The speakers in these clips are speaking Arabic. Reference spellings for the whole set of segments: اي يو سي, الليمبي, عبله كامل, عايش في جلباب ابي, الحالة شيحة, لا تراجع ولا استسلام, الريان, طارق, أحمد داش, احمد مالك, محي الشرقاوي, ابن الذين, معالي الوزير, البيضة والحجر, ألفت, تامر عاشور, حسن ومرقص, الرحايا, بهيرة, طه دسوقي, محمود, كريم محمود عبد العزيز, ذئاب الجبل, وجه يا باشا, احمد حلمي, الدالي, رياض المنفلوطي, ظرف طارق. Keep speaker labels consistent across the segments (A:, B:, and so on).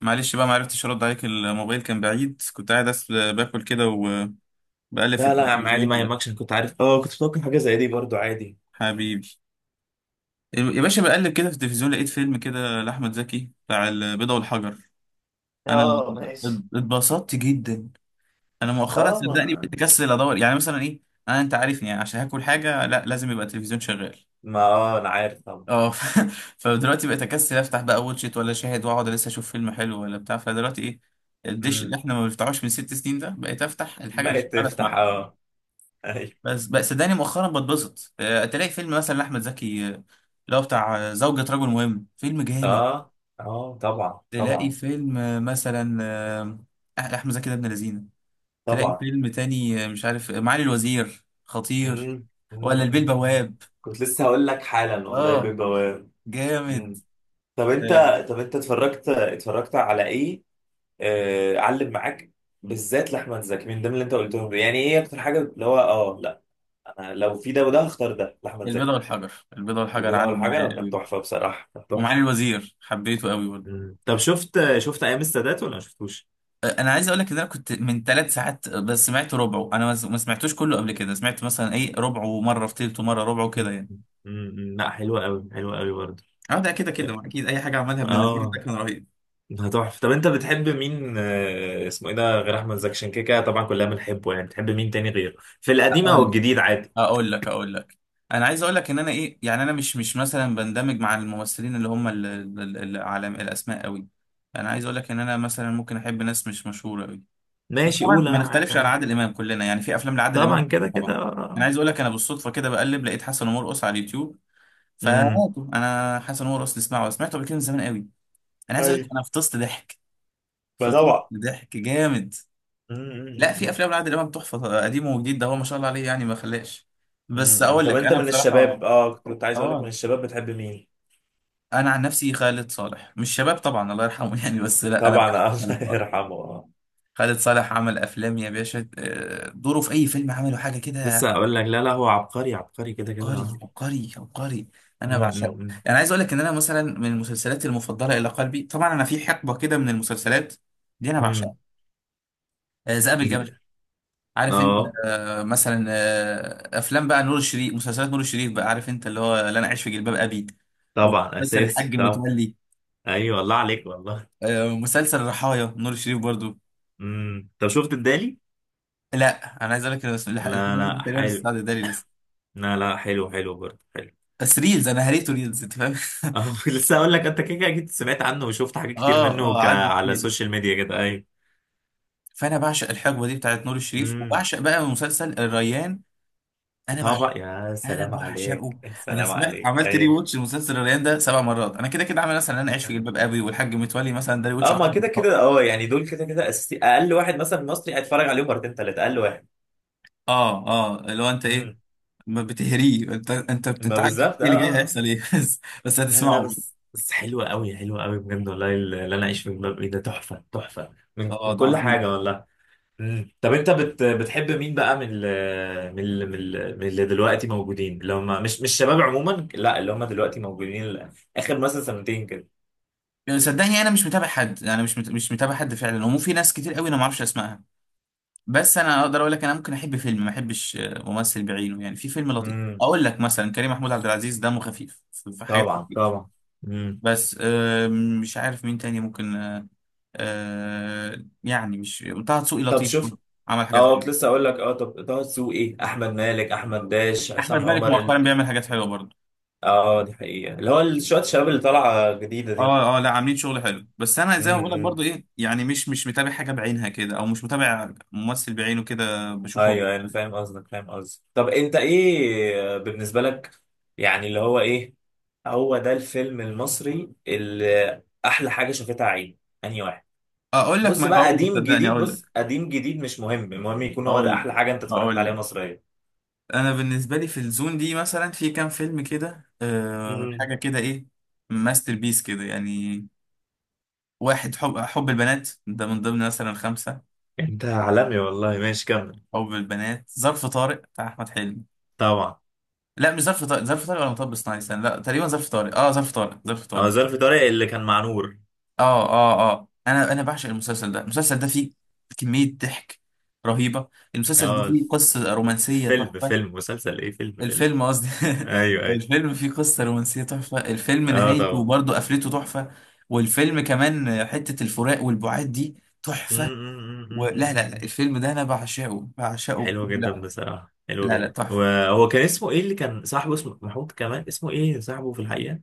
A: معلش بقى ما عرفتش ارد عليك. الموبايل كان بعيد، كنت قاعد باكل كده وبقلب في
B: لا لا يا عم، عادي،
A: التلفزيون.
B: ما
A: لا،
B: يهمكش. أنا كنت عارف، كنت متوقع حاجة زي دي برضو. عادي.
A: حبيبي يا باشا، بقلب كده في التلفزيون لقيت فيلم كده لاحمد زكي بتاع البيضة والحجر. انا
B: اه، ماشي.
A: اتبسطت جدا. انا مؤخرا
B: اه ما
A: صدقني
B: ما
A: بقيت اكسل ادور يعني مثلا ايه. انا انت عارفني يعني، عشان هاكل حاجه لا لازم يبقى التلفزيون شغال.
B: ما، اه، أنا عارف طبعا.
A: اه فدلوقتي بقيت اكسل افتح بقى واتشيت ولا شاهد، واقعد لسه اشوف فيلم حلو ولا بتاع. فدلوقتي ايه، الدش اللي
B: امم.
A: احنا ما بنفتحوش من 6 سنين ده، بقيت افتح الحاجه
B: ما
A: اللي
B: هي
A: شغاله
B: تفتح،
A: اسمعها.
B: اه. أيوة.
A: بس بس صدقني مؤخرا بتبسط، تلاقي فيلم مثلا لأحمد زكي، اللي هو بتاع زوجة رجل مهم، فيلم جامد.
B: اه، اه، طبعا
A: تلاقي
B: طبعا
A: فيلم، مثلا أحمد زكي ده ابن لذينه. تلاقي
B: طبعا.
A: فيلم تاني مش عارف، معالي الوزير، خطير.
B: امم.
A: ولا
B: أمم،
A: البيه
B: أمم، أمم.
A: البواب.
B: كنت لسه هقول لك حالا والله
A: اه
B: بجواب.
A: جامد.
B: امم. طب انت
A: آه،
B: طب انت اتفرجت على ايه؟ علم معاك بالذات لأحمد زكي من ضمن اللي انت قلتهم. يعني ايه اكتر حاجة اللي هو، اه، لا، انا لو في ده وده هختار ده لأحمد
A: البيضة
B: زكي.
A: والحجر، البيضة والحجر
B: البداية
A: علم معايا
B: والحجر كانت
A: قوي.
B: تحفة بصراحة، كانت تحفة.
A: ومعالي الوزير حبيته قوي برضه.
B: مم. طب شفت ايام السادات ولا ما شفتوش؟
A: انا عايز اقول لك ان انا كنت من 3 ساعات بس سمعت ربعه، انا ما سمعتوش كله. قبل كده سمعت مثلا ايه ربعه مره، في تلته مره ربعه كده
B: مم.
A: يعني.
B: مم. لا، حلوه قوي، حلوه قوي برضه.
A: اه، ده كده كده ما اكيد اي حاجه عملها ابن الذين ده
B: اه،
A: كان رهيب.
B: ده تحفه. طب انت بتحب مين، آه، اسمه ايه ده، غير احمد زكي؟ عشان كده كده طبعا كلنا بنحبه. يعني بتحب مين تاني غيره في القديم
A: اقول
B: او
A: لك
B: الجديد؟ عادي،
A: اقول لك. انا عايز اقول لك ان انا ايه يعني، انا مش مثلا بندمج مع الممثلين اللي هم العالم الاسماء قوي. انا عايز اقول لك ان انا مثلا ممكن احب ناس مش مشهوره قوي. بس
B: ماشي،
A: طبعا
B: قول،
A: ما
B: انا معاك،
A: نختلفش على
B: عادي.
A: عادل امام، كلنا يعني في افلام لعادل
B: طبعا،
A: امام
B: كده كده،
A: طبعا. انا
B: آه.
A: عايز اقول لك، انا بالصدفه كده بقلب لقيت حسن ومرقص على اليوتيوب.
B: امم.
A: فهاته انا حسن ومرقص نسمعه، سمعته قبل كده من زمان قوي. انا عايز اقول لك
B: ايوه.
A: انا فطست ضحك،
B: ما
A: فطست
B: طبعا.
A: ضحك جامد. لا في
B: أمم.
A: افلام لعادل امام تحفه، قديم وجديد، ده هو ما شاء الله عليه يعني ما خلاش. بس
B: أمم.
A: اقول
B: طب
A: لك
B: انت
A: انا
B: من الشباب،
A: بصراحه،
B: اه، كنت عايز اقول لك، من
A: اه،
B: الشباب بتحب مين؟
A: انا عن نفسي خالد صالح، مش شباب طبعا الله يرحمه يعني، بس لا انا
B: طبعا،
A: بحب خالد
B: الله
A: صالح.
B: يرحمه، اه.
A: خالد صالح عمل افلام يا باشا، دوره في اي فيلم عمله حاجه كده.
B: لسه اقول لك، لا لا، هو عبقري عبقري كده كده،
A: عبقري
B: اه.
A: عبقري عبقري، انا بعشقه.
B: امم.
A: انا عايز اقول لك ان انا مثلا من المسلسلات المفضله الى قلبي، طبعا انا في حقبه كده من المسلسلات دي انا
B: امم.
A: بعشقها. ذئاب
B: امم.
A: الجبل، عارف انت.
B: اه
A: مثلا افلام بقى نور الشريف، مسلسلات نور الشريف بقى، عارف انت اللي هو لا انا عايش في جلباب ابي،
B: طبعا،
A: ومسلسل
B: اساسي
A: الحاج
B: طبعا.
A: متولي،
B: ايوه والله عليك، والله.
A: ومسلسل الرحايا، نور الشريف برضو.
B: امم. طب شفت الدالي؟
A: لا انا عايز اقول لك، أنا الحاج
B: لا
A: الوحيد
B: لا،
A: تقريبا اللي
B: حلو.
A: استعد ده لي لسه.
B: لا لا، حلو، حلو برضه، حلو.
A: بس ريلز، انا هريته ريلز انت فاهم
B: اه. لسه اقول لك، انت كده كده اكيد سمعت عنه وشفت حاجات كتير
A: اه
B: منه
A: اه عدى
B: على
A: كتير.
B: السوشيال ميديا كده. ايوه.
A: فانا بعشق الحقبه دي بتاعت نور الشريف،
B: امم.
A: وبعشق بقى مسلسل الريان. انا بعشق،
B: طبعا، يا
A: انا
B: سلام عليك،
A: بعشقه.
B: يا
A: انا
B: سلام
A: سمعت،
B: عليك.
A: عملت ري
B: ايوه.
A: واتش لمسلسل الريان ده 7 مرات. انا كده كده عامل مثلا انا عايش في جلباب ابي والحاج متولي مثلا ده ري واتش
B: اه،
A: 10
B: ما كده
A: مرات.
B: كده، اه. يعني دول كده كده اساسي، اقل واحد مثلا مصري هيتفرج عليهم مرتين، ثلاثه، اقل
A: اه اه، اللي هو انت ايه،
B: واحد.
A: ما بتهريه انت، انت
B: ما
A: عارف ايه
B: بالظبط، اه،
A: اللي جاي،
B: آه، آه.
A: هيحصل ايه بس بس
B: لا لا،
A: هتسمعه.
B: بس بس حلوة قوي، حلوة قوي بجد والله. اللي انا، اعيش في جلباب ابي، ده تحفة تحفة من
A: اه
B: من
A: ده
B: كل
A: عظيم.
B: حاجة والله. مم. طب انت بتحب مين بقى من اللي دلوقتي موجودين، اللي هم مش مش شباب عموما؟ لا، اللي هم دلوقتي موجودين، اخر مثلا سنتين كده.
A: صدقني انا مش متابع حد، انا مش مت... مش متابع حد فعلا، ومو في ناس كتير قوي انا ما اعرفش اسمائها. بس انا اقدر اقول لك انا ممكن احب فيلم ما احبش ممثل بعينه. يعني في فيلم لطيف
B: امم.
A: اقول لك مثلا، كريم محمود عبد العزيز دمه خفيف في في حاجات
B: طبعا
A: كتير.
B: طبعا. امم.
A: بس مش عارف مين تاني ممكن، يعني مش طه دسوقي
B: طب
A: لطيف
B: شوف،
A: برضه، عمل حاجات
B: اه،
A: حلوه.
B: كنت لسه اقول لك، اه، طب طه دسوقي، احمد مالك، احمد داش، عصام
A: احمد مالك
B: عمر،
A: مؤخرا بيعمل حاجات حلوه برضه.
B: اه دي حقيقة. اللي هو شوية الشباب اللي طالعة جديدة دي.
A: اه اه لا عاملين شغل حلو، بس انا زي ما بقول لك
B: امم.
A: برضو ايه يعني، مش متابع حاجه بعينها كده، او مش متابع ممثل بعينه كده
B: ايوه
A: بشوفه هو بيعمل
B: ايوه، انا
A: إيه.
B: فاهم قصدك، فاهم قصدك. طب انت ايه بالنسبه لك، يعني اللي هو ايه، هو ده الفيلم المصري اللي احلى حاجه شافتها عين؟ انهي واحد؟
A: اقول لك
B: بص
A: ما
B: بقى،
A: اقول لك
B: قديم،
A: صدقني
B: جديد،
A: اقول لك
B: بص، قديم، جديد، مش مهم، المهم يكون هو ده
A: اقول لك
B: احلى حاجه انت اتفرجت
A: اقول
B: عليها
A: لك
B: مصريه.
A: انا بالنسبه لي في الزون دي مثلا في كام فيلم كده، أه
B: امم.
A: حاجه كده ايه ماستر بيس كده يعني. واحد، حب البنات ده من ضمن مثلا خمسه.
B: انت عالمي والله، ماشي، كمل.
A: حب البنات، ظرف طارق بتاع احمد حلمي.
B: طبعا.
A: لا مش ظرف طارق، ظرف طارق ولا مطب صناعي، استنى، لا تقريبا ظرف طارق، اه ظرف طارق، ظرف
B: هو
A: طارق.
B: ظرف طارق اللي كان مع نور؟
A: اه اه اه، انا بعشق المسلسل ده. المسلسل ده فيه كمية ضحك رهيبة. المسلسل ده
B: اه.
A: فيه قصة رومانسية
B: فيلم،
A: تحفة.
B: فيلم، مسلسل ايه، فيلم، فيلم؟
A: الفيلم قصدي
B: ايوه ايوه.
A: الفيلم فيه قصة رومانسية تحفة. الفيلم
B: اه
A: نهايته
B: طبعا.
A: برضه قفلته تحفة. والفيلم كمان حتة الفراق والبعاد دي تحفة. ولا لا لا لا، الفيلم ده انا بعشقه، بعشقه
B: حلو جدا
A: لا،
B: بصراحة، حلو
A: لا لا
B: جدا.
A: تحفة.
B: وهو كان اسمه ايه اللي كان صاحبه، اسمه محمود كمان، اسمه ايه صاحبه في الحقيقة؟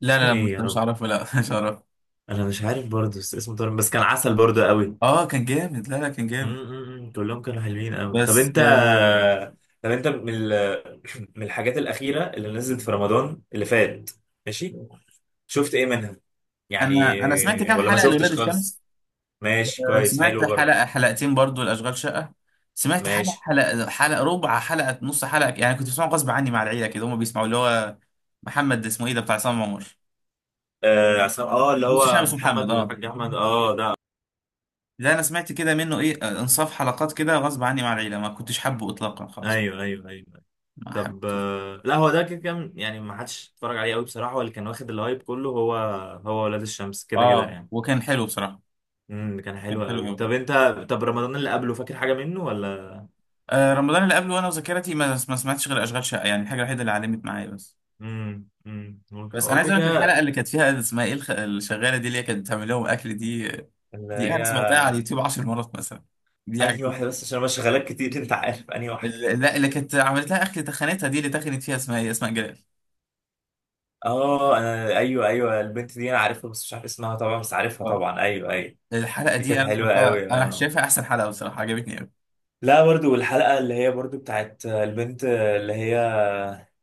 A: لا لا
B: اسمه
A: لا مش
B: ايه يا
A: مش
B: رب؟
A: عارفه، لا مش عارفه.
B: انا مش عارف برضه، بس اسمه طارق، بس كان عسل برضه قوي. م-
A: اه كان جامد، لا لا كان جامد.
B: م- م. كلهم كانوا حلوين قوي. طب
A: بس
B: انت، طب انت من من الحاجات الأخيرة اللي نزلت في رمضان اللي فات، ماشي، شفت ايه منها يعني؟
A: انا انا سمعت كام
B: ولا ما
A: حلقة لولاد
B: شفتش خالص.
A: الشمس.
B: ماشي، كويس،
A: سمعت
B: حلو برضه.
A: حلقة حلقتين برضو الأشغال شقة. سمعت
B: ماشي.
A: حلقة، حلقة، حلقة، ربع حلقة، نص حلقة يعني، كنت بسمعه غصب عني مع العيلة كده، هما بيسمعوا اللي هو محمد، اسمه ايه ده، بتاع عصام عمر،
B: اه، اللي
A: نص شعب،
B: هو
A: اسمه محمد
B: محمد
A: اه.
B: والحاج احمد، اه، ده.
A: ده انا سمعت كده منه ايه انصاف حلقات كده غصب عني مع العيلة، ما كنتش حابه اطلاقا خالص.
B: ايوه ايوه ايوه.
A: ما
B: طب،
A: حبيتهوش.
B: آه، لا، هو ده كده كان يعني ما حدش اتفرج عليه قوي بصراحة، هو اللي كان واخد الهايب كله هو، هو ولاد الشمس كده كده
A: اه
B: يعني.
A: وكان حلو بصراحة،
B: امم. كان
A: كان
B: حلو
A: حلو
B: قوي.
A: قوي.
B: طب انت، طب رمضان اللي قبله، فاكر حاجة منه ولا؟
A: آه رمضان اللي قبله، وانا وذاكرتي ما سمعتش غير اشغال شقة، يعني الحاجة الوحيدة اللي علمت معايا بس.
B: امم. امم.
A: بس انا
B: هو
A: عايز
B: كده
A: اقول لك الحلقة
B: كده.
A: اللي كانت فيها اسمها ايه الشغالة دي اللي هي كانت بتعمل لهم اكل دي،
B: اللي
A: دي
B: هي،
A: انا سمعتها على اليوتيوب 10 مرات مثلا، دي
B: انهي
A: عجبتني.
B: واحدة بس، عشان انا شغالات كتير، انت عارف انهي واحدة؟
A: لا اللي كانت عملت لها اخر تخانتها دي، اللي تخنت فيها اسمها ايه اسماء جلال.
B: اه، انا، ايوه ايوه، البنت دي انا عارفها بس مش عارف اسمها طبعا، بس عارفها
A: اه،
B: طبعا. ايوه ايوه.
A: الحلقه
B: دي كانت
A: دي انا
B: حلوة
A: سمعتها،
B: قوي،
A: انا
B: اه.
A: شايفها احسن حلقه بصراحه، عجبتني قوي.
B: لا، برضو الحلقة اللي هي برضو بتاعت البنت اللي هي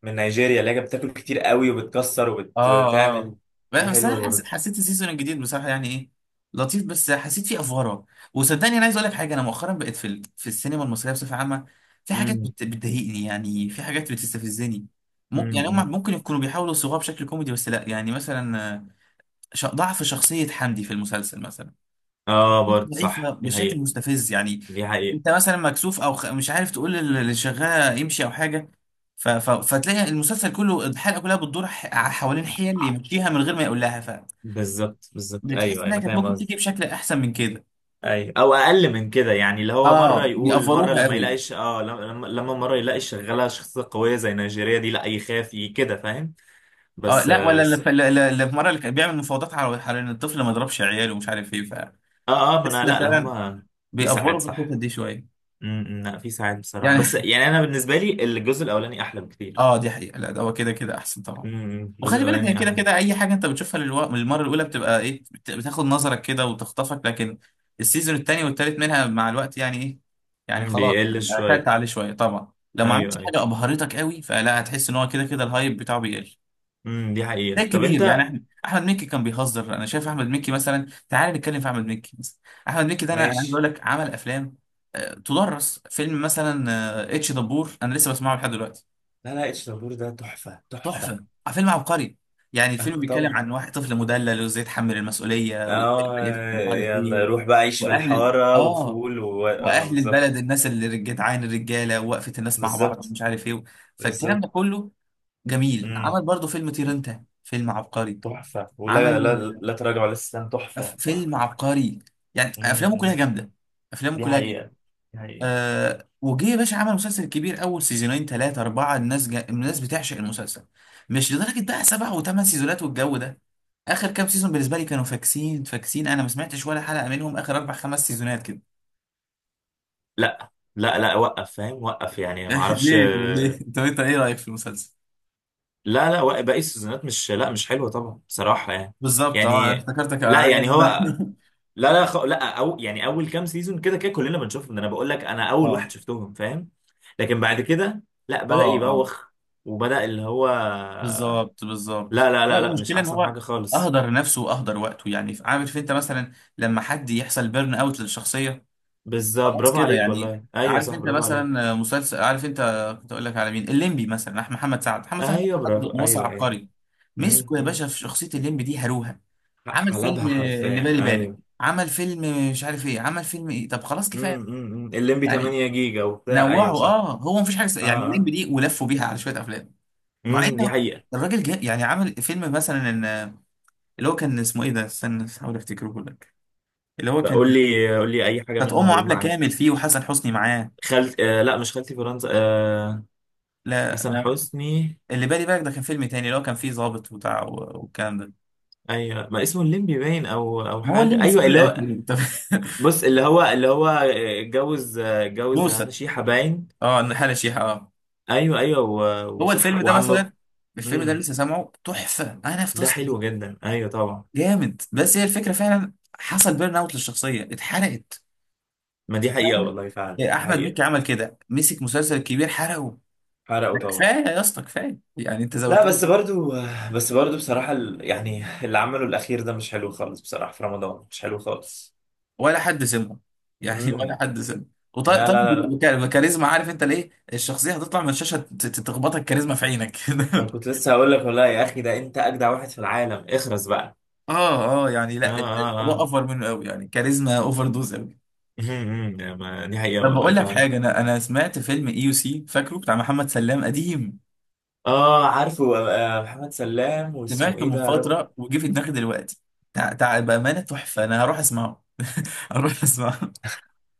B: من نيجيريا، اللي هي بتاكل كتير قوي وبتكسر
A: اه
B: وبتعمل.
A: اه
B: دي
A: بس
B: حلوه
A: انا
B: برضه.
A: حسيت السيزون الجديد بصراحه يعني ايه، لطيف، بس حسيت فيه افوره. وصدقني انا عايز اقول لك حاجه، انا مؤخرا بقيت في ال... في السينما المصريه بصفه عامه في حاجات
B: مم.
A: بتضايقني يعني، في حاجات بتستفزني. ممكن
B: مم.
A: يعني هم
B: مم.
A: ممكن يكونوا بيحاولوا يصوغوها بشكل كوميدي، بس لا يعني مثلا، ضعف شخصيه حمدي في المسلسل مثلا،
B: اه برضه
A: ضعيفة
B: صح، دي
A: بشكل
B: حقيقة،
A: مستفز يعني.
B: دي حقيقة.
A: انت مثلا مكسوف او مش عارف تقول اللي شغالة يمشي او حاجة، فتلاقي المسلسل كله، الحلقة كلها بتدور حوالين حيل يمشيها من غير ما يقول لها. ف،
B: بالظبط بالظبط، ايوه،
A: بتحس
B: أيوة،
A: انها
B: انا
A: كانت
B: فاهم
A: ممكن
B: قصدي.
A: تيجي بشكل احسن من كده.
B: ايوه، او اقل من كده يعني، اللي هو مره
A: اه
B: يقول، مره
A: بيأفروها
B: لما
A: قوي.
B: يلاقيش، اه لما، لما مره يلاقي شغاله شخصيه قويه زي نيجيريا دي لا يخاف، كده، فاهم؟
A: اه
B: بس،
A: لا،
B: آه،
A: ولا اللي
B: بس،
A: في، اللي اللي في مرة اللي كان بيعمل مفاوضات على ان الطفل ما يضربش عياله ومش عارف ايه، ف،
B: اه اه، ما
A: بس
B: انا،
A: ان
B: لا لا،
A: فعلا
B: هما في
A: بيأفروا
B: ساعات
A: في الحتة
B: صح.
A: دي شوية
B: امم. لا، في ساعات بصراحه،
A: يعني
B: بس يعني انا بالنسبه لي الجزء الاولاني احلى بكتير.
A: اه دي حقيقة، لا ده هو كده كده احسن طبعا.
B: امم. الجزء
A: وخلي بالك هي
B: الاولاني
A: كده
B: احلى.
A: كده اي حاجة انت بتشوفها للمرة الاولى بتبقى ايه، بتاخد نظرك كده وتخطفك، لكن السيزون التاني والتالت منها مع الوقت يعني ايه، يعني
B: مم،
A: خلاص
B: بيقل
A: اعتدت
B: شوية.
A: عليه شوية طبعا، لو ما عملتش
B: أيوه أيوه.
A: حاجة ابهرتك قوي، فلا هتحس ان هو كده كده الهايب بتاعه بيقل.
B: امم، دي
A: ده
B: حقيقة. طب
A: كبير يعني،
B: أنت،
A: احنا احمد مكي كان بيهزر، انا شايف احمد مكي مثلا، تعال نتكلم في احمد مكي مثلا. احمد مكي ده انا عايز اقول
B: ماشي.
A: لك عمل افلام، تدرس فيلم مثلا اتش دبور، انا لسه بسمعه لحد دلوقتي.
B: لا لا، اتش دبور ده تحفة تحفة.
A: تحفه، فيلم عبقري. يعني الفيلم
B: أه
A: بيتكلم
B: طبعا.
A: عن واحد طفل مدلل، وازاي يتحمل المسؤوليه وازاي يبقى
B: أه،
A: يفهم ومش عارف
B: يلا
A: ايه
B: روح بقى عيش في
A: واهل ال-
B: الحارة
A: اه
B: وفول، و أه،
A: واهل
B: بالظبط،
A: البلد، الناس اللي جدعان، الرجاله ووقفه الناس مع بعض
B: بالظبط،
A: ومش عارف ايه. فالكلام
B: بالظبط.
A: ده كله جميل.
B: امم.
A: عمل برضه فيلم طير انت، فيلم عبقري.
B: تحفة ولا لا؟
A: عمل
B: لا تراجع ولا استسلام، تحفة
A: فيلم
B: تحفة.
A: عبقري. يعني
B: امم.
A: افلامه كلها
B: أمم.
A: جامده، افلامه
B: دي
A: كلها.
B: حقيقة، دي حقيقة.
A: آه وجه يا باشا عمل مسلسل كبير، اول سيزونين ثلاثه اربعه الناس بتعشق المسلسل. مش لدرجه بقى سبع وثمان سيزونات والجو ده. اخر كام سيزون بالنسبه لي كانوا فاكسين فاكسين، انا ما سمعتش ولا حلقه منهم اخر اربع خمس سيزونات كده
B: لا لا، لا وقف، فاهم، وقف يعني، ما اعرفش.
A: ليه، طب ليه، طب انت ايه رايك في المسلسل؟
B: لا لا، وقف باقي السيزونات، مش، لا، مش حلوة طبعا بصراحة يعني.
A: بالظبط، اه انا
B: يعني،
A: افتكرتك
B: لا،
A: عليا ان
B: يعني هو،
A: انا
B: لا لا، لا، يعني اول كام سيزون كده كده كلنا بنشوفهم، ده انا بقول لك انا اول
A: اه
B: واحد شفتهم، فاهم؟ لكن بعد كده لا، بدأ
A: اه اه،
B: يبوخ. وبدأ اللي هو،
A: بالظبط بالظبط،
B: لا لا
A: لا
B: لا لا، مش
A: المشكله ان
B: احسن
A: هو
B: حاجة خالص.
A: اهدر نفسه واهدر وقته يعني، عارف انت مثلا لما حد يحصل بيرن اوت للشخصيه،
B: بالظبط،
A: خلاص
B: برافو
A: كده
B: عليك
A: يعني.
B: والله، ايوه
A: عارف
B: صح،
A: انت
B: برافو عليك.
A: مثلا مسلسل، عارف انت، كنت اقول لك على مين، الليمبي مثلا، محمد سعد، محمد سعد،
B: ايوه،
A: حد
B: برافو،
A: مصري
B: ايوه ايوه.
A: عبقري،
B: امم.
A: مسكه يا
B: أمم.
A: باشا في شخصيه الليمبي دي هروها. عمل فيلم
B: حلبها
A: اللي
B: حرفيا،
A: بالي بالك،
B: ايوه.
A: عمل فيلم مش عارف ايه، عمل فيلم ايه، طب خلاص
B: امم.
A: كفايه
B: أمم، أمم. الليمبي
A: يعني.
B: 8 جيجا وبتاع،
A: نوعه
B: ايوه صح.
A: اه، هو مفيش حاجه
B: اه
A: يعني الليمبي
B: اه.
A: دي ولفوا بيها على شويه افلام. مع ان
B: امم، دي حقيقة.
A: الراجل جاء يعني عمل فيلم مثلا اللي هو كان اسمه ايه ده، استنى احاول افتكره لك. اللي هو كان
B: فقول لي، قول لي اي حاجة
A: كانت
B: منه
A: امه
B: هقول
A: عبله
B: معاك.
A: كامل فيه وحسن حسني معاه.
B: خالت، آه، لا مش خالتي فرنسا، آه.
A: لا،
B: حسن حسني.
A: اللي بالي بالك ده كان فيلم تاني، اللي هو كان فيه ظابط وبتاع والكلام ده.
B: ايوه، ما اسمه الليمبي باين او او
A: ما هو
B: حاجه،
A: الليمبي في
B: ايوه
A: كل
B: اللي هو.
A: الافلام، طب
B: بص اللي هو، اللي هو اتجوز هنا،
A: موسى،
B: شيحه باين.
A: اه الحالة شيحة اه.
B: ايوه ايوه،
A: هو
B: وصح،
A: الفيلم ده
B: وعم.
A: مثلا، الفيلم ده
B: امم.
A: لسه سامعه تحفة، انا في
B: ده
A: تصل
B: حلو جدا، ايوه طبعا.
A: جامد، بس هي الفكرة فعلا حصل بيرن اوت للشخصية، اتحرقت.
B: ما دي حقيقه
A: ففعلا
B: والله، فعلا دي
A: احمد
B: حقيقه.
A: مكي عمل كده، مسك مسلسل كبير حرقه.
B: حرقوا
A: لا،
B: طبعا.
A: كفاية يا اسطى، كفاية يعني انت
B: لا،
A: زودت.
B: بس برضو، آه، بس برضو بصراحه، يعني اللي عمله الاخير ده مش حلو خالص بصراحه، في رمضان مش حلو خالص.
A: ولا حد سمعه يعني، ولا
B: امم.
A: حد سمعه.
B: لا لا
A: وطيب
B: لا لا.
A: الكاريزما، عارف انت ليه، الشخصيه هتطلع من الشاشه تخبطك كاريزما في عينك كده
B: ما كنت لسه هقول لك والله، يا اخي ده انت اجدع واحد في العالم، اخرس بقى.
A: اه اه يعني
B: اه
A: لا،
B: اه،
A: الموضوع
B: آه.
A: اوفر منه قوي يعني، كاريزما اوفر دوز قوي.
B: امم، يا ما- دي حقيقة
A: طب
B: والله
A: بقول لك
B: فعلا.
A: حاجه، انا سمعت فيلم اي يو سي، فاكره، بتاع محمد سلام قديم،
B: اه، عارفه، آه، محمد سلام، واسمه
A: سمعته
B: ايه
A: من
B: ده يا رب؟
A: فتره وجه في دماغي دلوقتي. بامانه تحفه، انا هروح اسمعه هروح اسمعه.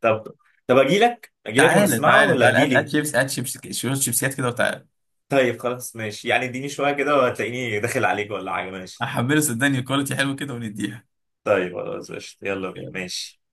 B: طب، طب اجي لك، اجي لك
A: تعالى
B: ونسمعه،
A: تعالى
B: ولا
A: تعالى،
B: اجي
A: هات
B: لي؟
A: شيبس، هات شيبس، شوية شيبسيات كده وتعالى.
B: طيب خلاص، ماشي، يعني اديني شوية كده وهتلاقيني داخل عليك، ولا حاجة، ماشي.
A: هحمله صدقني كواليتي حلو كده ونديها.
B: طيب خلاص ماشي، يلا بينا، ماشي.